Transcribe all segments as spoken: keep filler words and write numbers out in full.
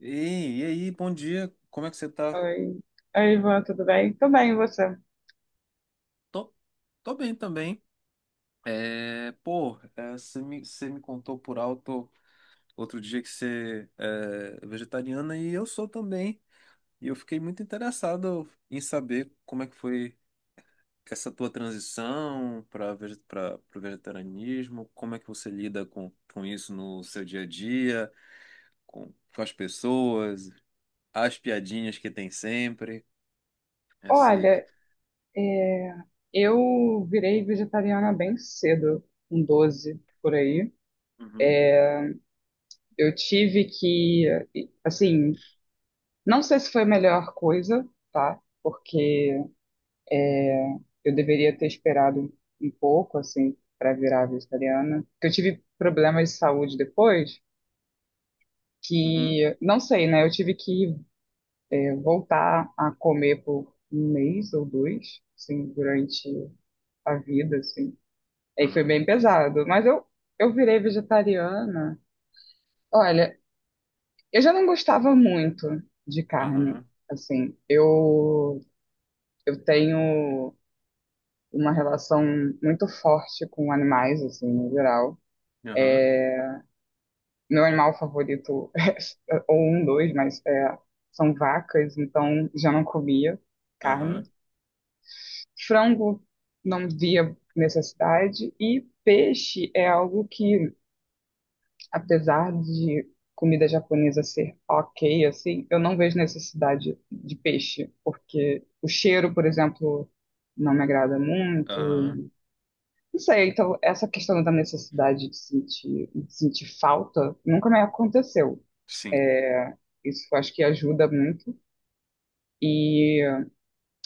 Ei, e aí, bom dia, como é que você tá? Oi. Oi, Ivan, tudo bem? Tudo bem, e você? Tô, tô bem também. É, pô, é, você me, você me contou por alto outro dia que você é é vegetariana e eu sou também. E eu fiquei muito interessado em saber como é que foi essa tua transição para para o vegetarianismo, como é que você lida com, com isso no seu dia a dia, com, com as pessoas, as piadinhas que tem sempre. Esse... Olha, eu virei vegetariana bem cedo, com doze por aí. Uhum, Eu tive que, assim, não sei se foi a melhor coisa, tá? Porque eu deveria ter esperado um pouco, assim, para virar vegetariana. Porque eu tive problemas de saúde depois, uhum, que, não sei, né? Eu tive que, é, voltar a comer por um mês ou dois, assim, durante a vida, assim. Aí foi aham. bem pesado. Mas eu, eu virei vegetariana. Olha, eu já não gostava muito de carne. Aham, Assim, eu, eu tenho uma relação muito forte com animais, assim, no geral. aham, Meu animal favorito é, ou um, dois, mas é, são vacas, então já não comia carne. aham, Frango não via necessidade. E peixe é algo que, apesar de comida japonesa ser ok, assim, eu não vejo necessidade de peixe, porque o cheiro, por exemplo, não me agrada muito. aham, E não sei, então essa questão da necessidade de sentir, de sentir falta nunca me aconteceu. sim, É, isso eu acho que ajuda muito. E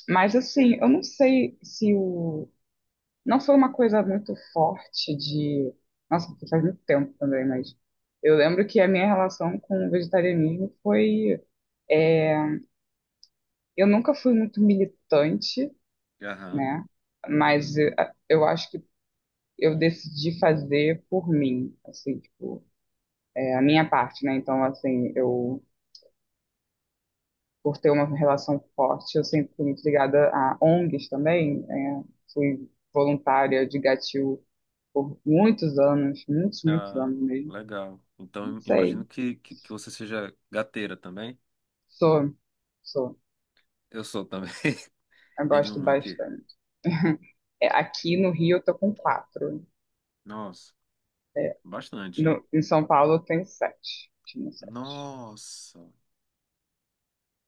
mas assim, eu não sei se o não foi uma coisa muito forte de. Nossa, porque faz muito tempo também, mas eu lembro que a minha relação com o vegetarianismo foi. Eu nunca fui muito militante, aham, né? Mas eh, a- eu acho que eu decidi fazer por mim, assim, tipo, é, a minha parte, né? Então, assim, eu, por ter uma relação forte, eu sempre fui muito ligada a O N Gs também, é, fui voluntária de Gatil por muitos anos, muitos, muitos ah, anos mesmo, legal. não Então, sei. imagino que, que, que você seja gateira também. Sou, sou. Eu sou também, Eu tenho gosto um aqui. bastante. É, aqui no Rio eu tô com quatro. Nossa, É, bastante, hein? no, em São Paulo eu tenho sete. Tinha sete. Nossa,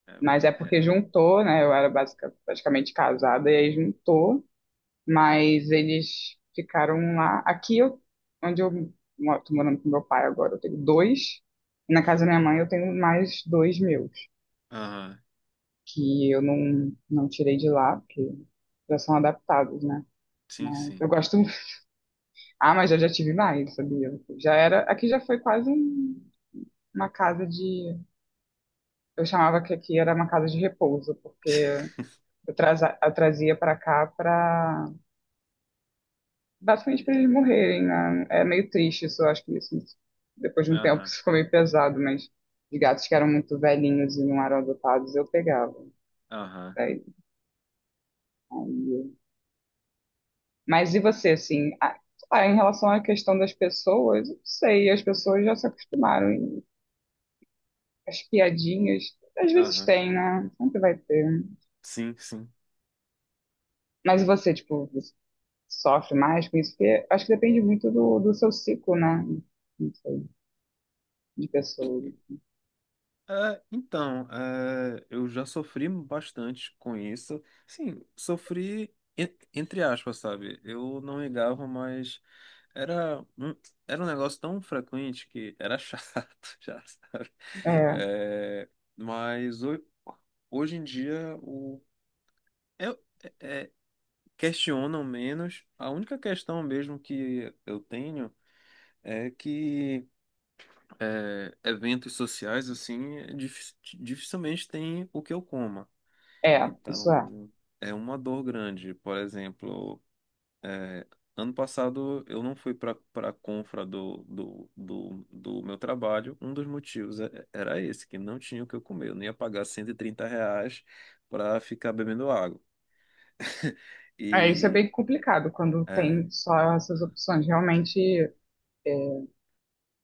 é, Mas é é. porque juntou, né? Eu era basica- praticamente casada e aí juntou. Mas eles ficaram lá. Aqui eu, onde eu moro, tô morando com meu pai agora, eu tenho dois. E na casa da minha mãe eu tenho mais dois meus, Aham, que eu não, não tirei de lá, porque já são adaptados, né? sim, Mas sim, eu gosto. Ah, mas eu já tive mais, sabia? Já era. Aqui já foi quase um- uma casa de. Eu chamava que aqui era uma casa de repouso, porque eu, traza- eu trazia pra cá pra. Basicamente pra eles morrerem, né? É meio triste isso, eu acho que isso. Depois de um tempo aham, isso ficou meio pesado, mas de gatos que eram muito velhinhos e não eram adotados, eu pegava. aham, Daí- aí- Mas e você, assim? A- ah, em relação à questão das pessoas, eu não sei, as pessoas já se acostumaram. As piadinhas. Às vezes aham, tem, né? Sempre vai ter. sim, sim. Mas você, tipo, você sofre mais com isso? Porque acho que depende muito do, do seu ciclo, né? Não sei, de E, pessoa. É, então, é, eu já sofri bastante com isso. Sim, sofri en- entre aspas, sabe? Eu não ligava, mas Era um, era um negócio tão frequente que era chato, já sabe? É, É, mas ho- hoje em dia o, eu, é, é, questionam menos. A única questão mesmo que eu tenho é que é, eventos sociais, assim, é dif- dificilmente tem o que eu coma. é, isso é. Então, é uma dor grande. Por exemplo. É, ano passado eu não fui para para a confra do, do, do, do meu trabalho. Um dos motivos é- era esse, que não tinha o que eu comer. Eu não ia pagar cento e trinta reais para ficar bebendo água. É, isso é E bem complicado quando é, tem só essas opções. Realmente, é,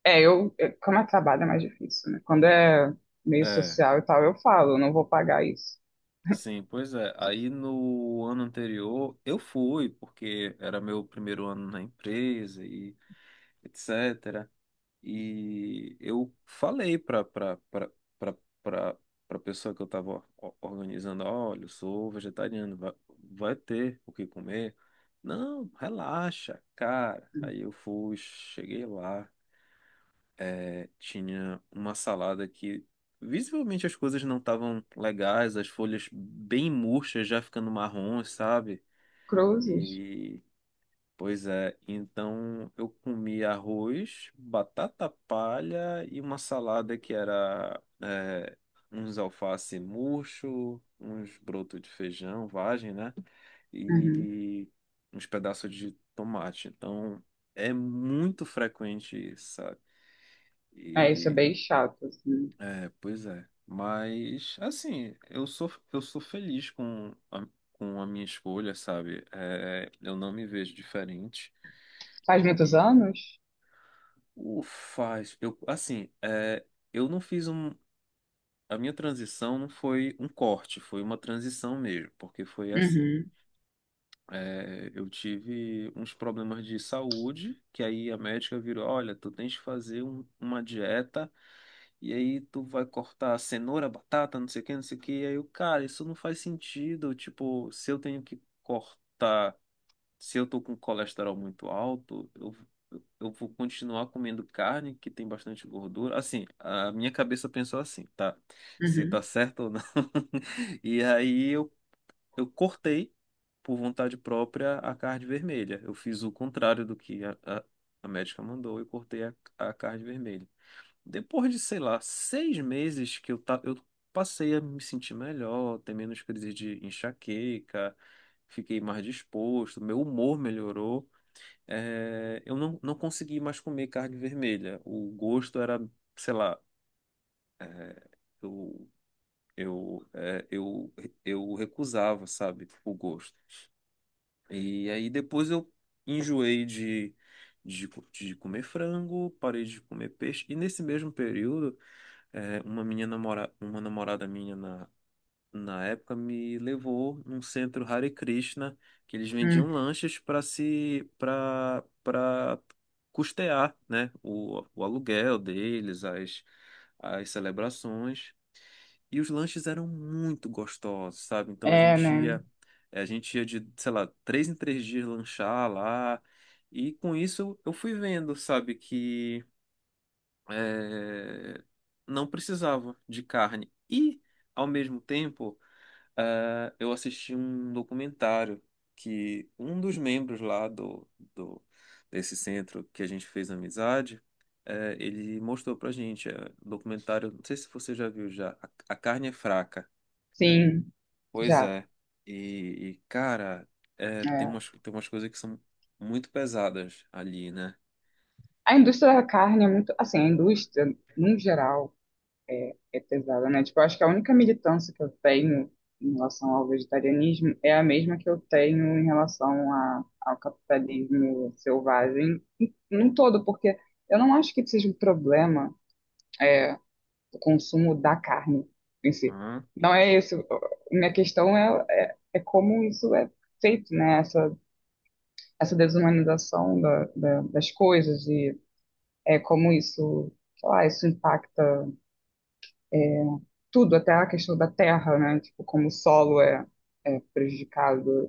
é, eu, é, como é trabalho é mais difícil, né? Quando é meio é, social e tal, eu falo, eu não vou pagar isso. sim, pois é. Aí no ano anterior eu fui, porque era meu primeiro ano na empresa e et cetera. E eu falei para para para para pessoa que eu estava organizando, olha, eu sou vegetariano, vai, vai ter o que comer? Não, relaxa, cara. Uhum. Aí eu fui, cheguei lá, é, tinha uma salada que visivelmente as coisas não estavam legais, as folhas bem murchas, já ficando marrons, sabe? Cruzes? Pois é, então eu comi arroz, batata palha e uma salada que era é, uns alface murcho, uns brotos de feijão, vagem, né? Uhum. E uns pedaços de tomate. Então é muito frequente, isso, sabe? É, isso é E bem chato, assim. é, pois é. Mas assim, eu sou eu sou feliz com a, com a minha escolha, sabe? É, eu não me vejo diferente. Faz muitos anos? O faz, eu, assim, é, eu não fiz um, a minha transição não foi um corte, foi uma transição mesmo, porque foi assim, Uhum, é, eu tive uns problemas de saúde, que aí a médica virou, olha, tu tens que fazer um- uma dieta, e aí tu vai cortar cenoura, batata, não sei o que, não sei o que, e aí eu, cara, isso não faz sentido, tipo, se eu tenho que cortar se eu tô com colesterol muito alto, eu, eu vou continuar comendo carne que tem bastante gordura. Assim, a minha cabeça pensou assim, tá? Se tá uhum. certo ou não. E aí eu, eu cortei, por vontade própria, a carne vermelha. Eu fiz o contrário do que a, a, a médica mandou, e cortei a, a carne vermelha. Depois de, sei lá, seis meses que eu, ta... eu passei a me sentir melhor, ter menos crise de enxaqueca, fiquei mais disposto, meu humor melhorou. É, eu não, não consegui mais comer carne vermelha. O gosto era, sei lá, é, eu, eu, é, eu, eu recusava, sabe, o gosto. E aí depois eu enjoei de, de, co- de comer frango, parei de comer peixe, e nesse mesmo período. É, uma minha namora... uma namorada minha na... na época me levou num centro Hare Krishna, que eles vendiam Uhum. lanchas para se para para custear, né, o... o aluguel deles, as as celebrações. E os lanches eram muito gostosos, sabe? Então a É, gente né? ia a gente ia de, sei lá, três em três dias lanchar lá. E com isso eu fui vendo, sabe, que é, não precisava de carne. E, ao mesmo tempo, é, eu assisti um documentário que um dos membros lá do, do- desse centro que a gente fez amizade, é, ele mostrou pra gente. É, um documentário, não sei se você já viu já, A, A Carne é Fraca. Sim, Pois já. é. E, e, cara, é, tem É. umas, tem umas coisas que são muito pesadas ali, né? A indústria da carne é muito. Assim, a indústria, num geral, é, é pesada, né? Tipo, eu acho que a única militância que eu tenho em relação ao vegetarianismo é a mesma que eu tenho em relação a, ao capitalismo selvagem, em- num todo, porque eu não acho que seja um problema, é, o consumo da carne em si. Aham, Não é isso. Minha questão é, é, é como isso é feito, né? Essa desumanização da, da, das coisas e é, como isso, sei lá, isso impacta tudo, até a questão da terra, né? Tipo, como o solo é, é prejudicado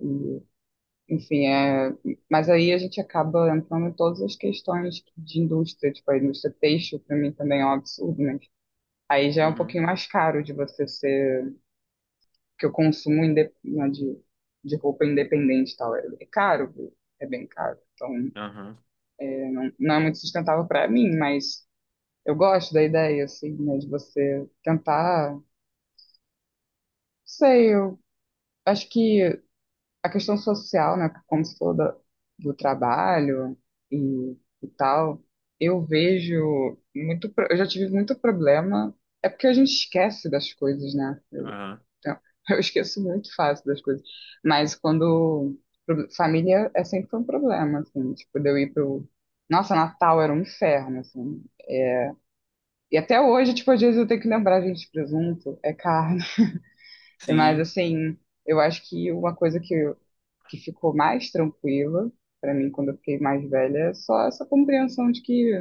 e, enfim, é... Mas aí a gente acaba entrando em todas as questões de indústria, tipo, a indústria têxtil para mim também é um absurdo, né, aí já é um uhum, pouquinho mais caro de você ser... Que eu consumo inde... né, de, de roupa independente e tal, é, é caro, é bem caro. Então, aham, não é muito sustentável para mim, mas eu gosto da ideia, assim, né, de você tentar, não sei, eu acho que a questão social, né, como se falou da- do trabalho e, e tal, eu vejo muito, pro- eu já tive muito problema, é porque a gente esquece das coisas, né? aham. Então, eu esqueço muito fácil das coisas, mas quando pro- família é sempre um problema, assim, tipo, de eu ir pro, nossa, Natal era um inferno, assim. E até hoje, tipo, às vezes eu tenho que lembrar, gente, presunto é caro. Mas, Sim, assim, eu acho que uma coisa que, eu- que ficou mais tranquila pra mim quando eu fiquei mais velha é só essa compreensão de que,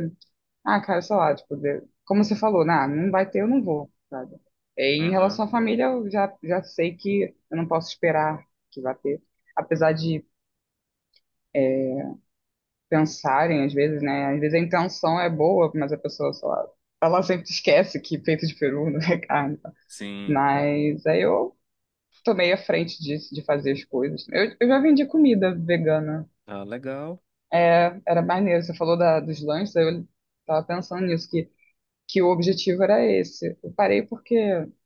ah, cara, sei lá, tipo, de- como você falou, nah, não vai ter, eu não vou, sabe? Em aham. relação à família, eu já, já sei que eu não posso esperar que vá ter. Apesar de pensarem, às vezes, né? Às vezes a intenção é boa, mas a pessoa, sei lá, ela sempre esquece que peito de peru não é carne. Tá? Sim. Mas aí eu tomei a frente disso, de fazer as coisas. Eu, eu já vendi comida vegana. Ah, legal. É, era maneiro. Você falou da, dos lanches, aí eu tava pensando nisso, que, que o objetivo era esse. Eu parei porque,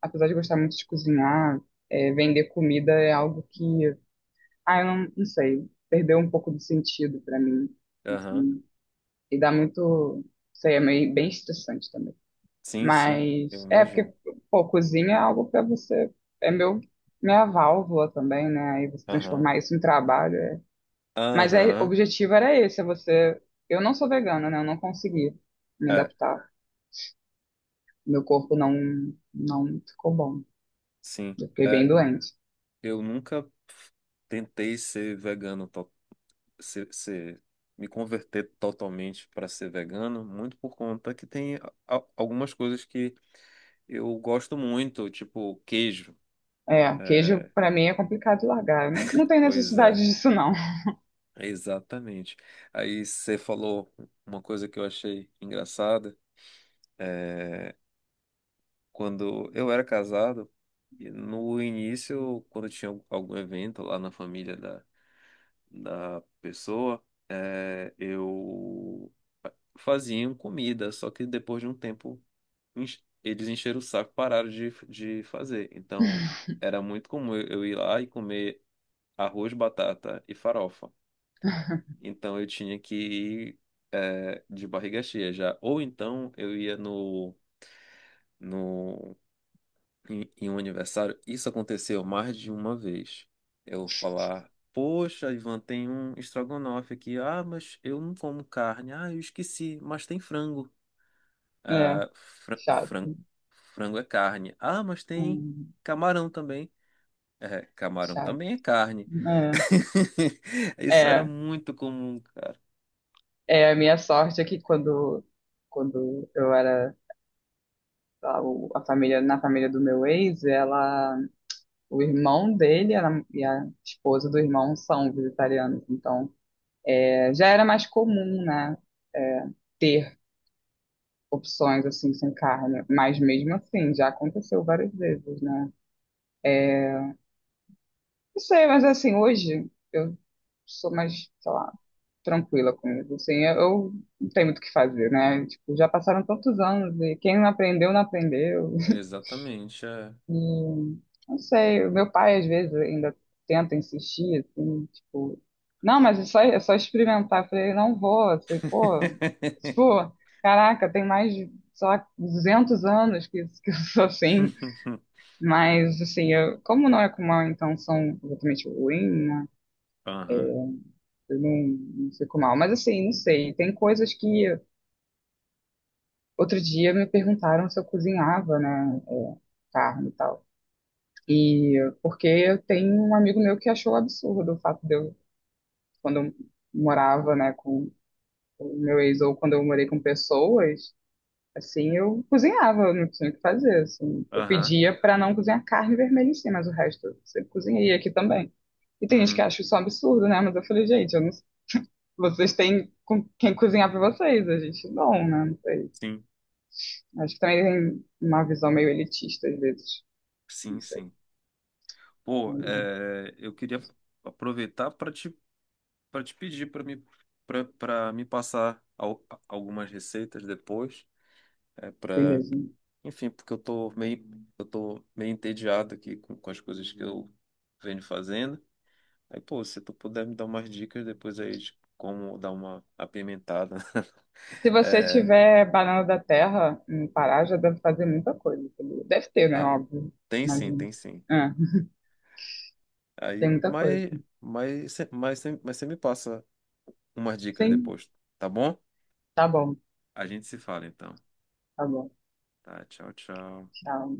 apesar de gostar muito de cozinhar, é, vender comida é algo que, ah, eu não, não sei, perdeu um pouco do sentido para mim. Aham. Assim. E dá muito, sei, é meio, bem estressante também. Sim, sim, eu Mas é imagino. porque, pô, cozinha é algo pra você. É meu, minha válvula também, né? Aí você Aham. transformar isso em trabalho. É. Mas aí, o Aham. objetivo era esse, é você. Eu não sou vegana, né? Eu não consegui me É, adaptar. Meu corpo não, não ficou bom. sim. Eu fiquei bem É, doente. eu nunca tentei ser vegano, to- ser, ser- me converter totalmente para ser vegano, muito por conta que tem a- a- algumas coisas que eu gosto muito, tipo queijo. É, queijo É, pra mim é complicado de largar. Não, não tem pois é, necessidade disso, não. exatamente. Aí você falou uma coisa que eu achei engraçada. é, Quando eu era casado, e no início, quando tinha algum evento lá na família da, da pessoa, eh, eu faziam comida, só que depois de um tempo enche- eles encheram o saco, e pararam de, de fazer. Então era muito comum eu eu ir lá e comer arroz, batata e farofa. Então eu tinha que ir eh, de barriga cheia já. Ou então eu ia no, no em, em um aniversário, isso aconteceu mais de uma vez. Eu falar, poxa, Ivan, tem um estrogonofe aqui. Ah, mas eu não como carne. Ah, eu esqueci, mas tem frango. É, Ah, fran- chato. fran- frango é carne. Ah, mas tem Hum, camarão também. É, camarão chato. também é carne. É, Isso era é, muito comum, cara. é, a minha sorte é que quando, quando eu era a, o- a família, na família do meu ex, ela, o irmão dele era- e a esposa do irmão são vegetarianos. Então, é, já era mais comum, né, é, ter opções assim sem carne. Mas mesmo assim, já aconteceu várias vezes, né? Não sei, mas assim, hoje eu sou mais, sei lá, tranquila com isso. Assim, eu, eu não tenho muito o que fazer, né? Tipo, já passaram tantos anos e quem não aprendeu, não aprendeu. Exatamente, é. Hum, não sei, o meu pai às vezes ainda tenta insistir, assim, tipo, não, mas é só, é só experimentar. Eu falei, não vou, assim, pô, tipo, caraca, tem mais de, sei lá, duzentos anos que, que eu sou assim, mas assim, eu, como não é com mal intenção exatamente ruim, né? Aham, Eu não, não fico mal, mas assim, não sei, tem coisas que outro dia me perguntaram se eu cozinhava, né, é, carne e tal. E porque eu tenho um amigo meu que achou absurdo o fato de eu, quando eu morava, né, com o meu ex ou quando eu morei com pessoas, assim, eu cozinhava, eu não tinha o que fazer, assim. Eu aham, pedia para não cozinhar carne vermelha em si, mas o resto eu sempre cozinhei aqui também. E tem gente que uhum, acha isso um absurdo, né? Mas eu falei, gente, eu não- vocês têm com quem cozinhar para vocês, a gente não, né? Não sei. sim, Acho que também tem uma visão meio elitista às vezes, sim, não sei. sim. Pô, Aí, é, eu queria aproveitar para te, para te, pedir para me, para para me passar al- algumas receitas depois, é, para, beleza. enfim, porque eu tô meio, eu tô meio entediado aqui com, com as coisas que eu venho fazendo. Aí, pô, se tu puder me dar umas dicas depois aí de como dar uma apimentada. Se você É, tiver banana da terra no Pará, já deve fazer muita coisa. Entendeu? Deve ter, né? ah, Óbvio. tem sim, tem Imagino. sim. É, Aí, tem muita coisa. mas, mas, mas, mas você me passa umas dicas Sim, depois, tá bom? tá bom, A gente se fala então. tá bom. Tá, tchau, tchau. Tchau.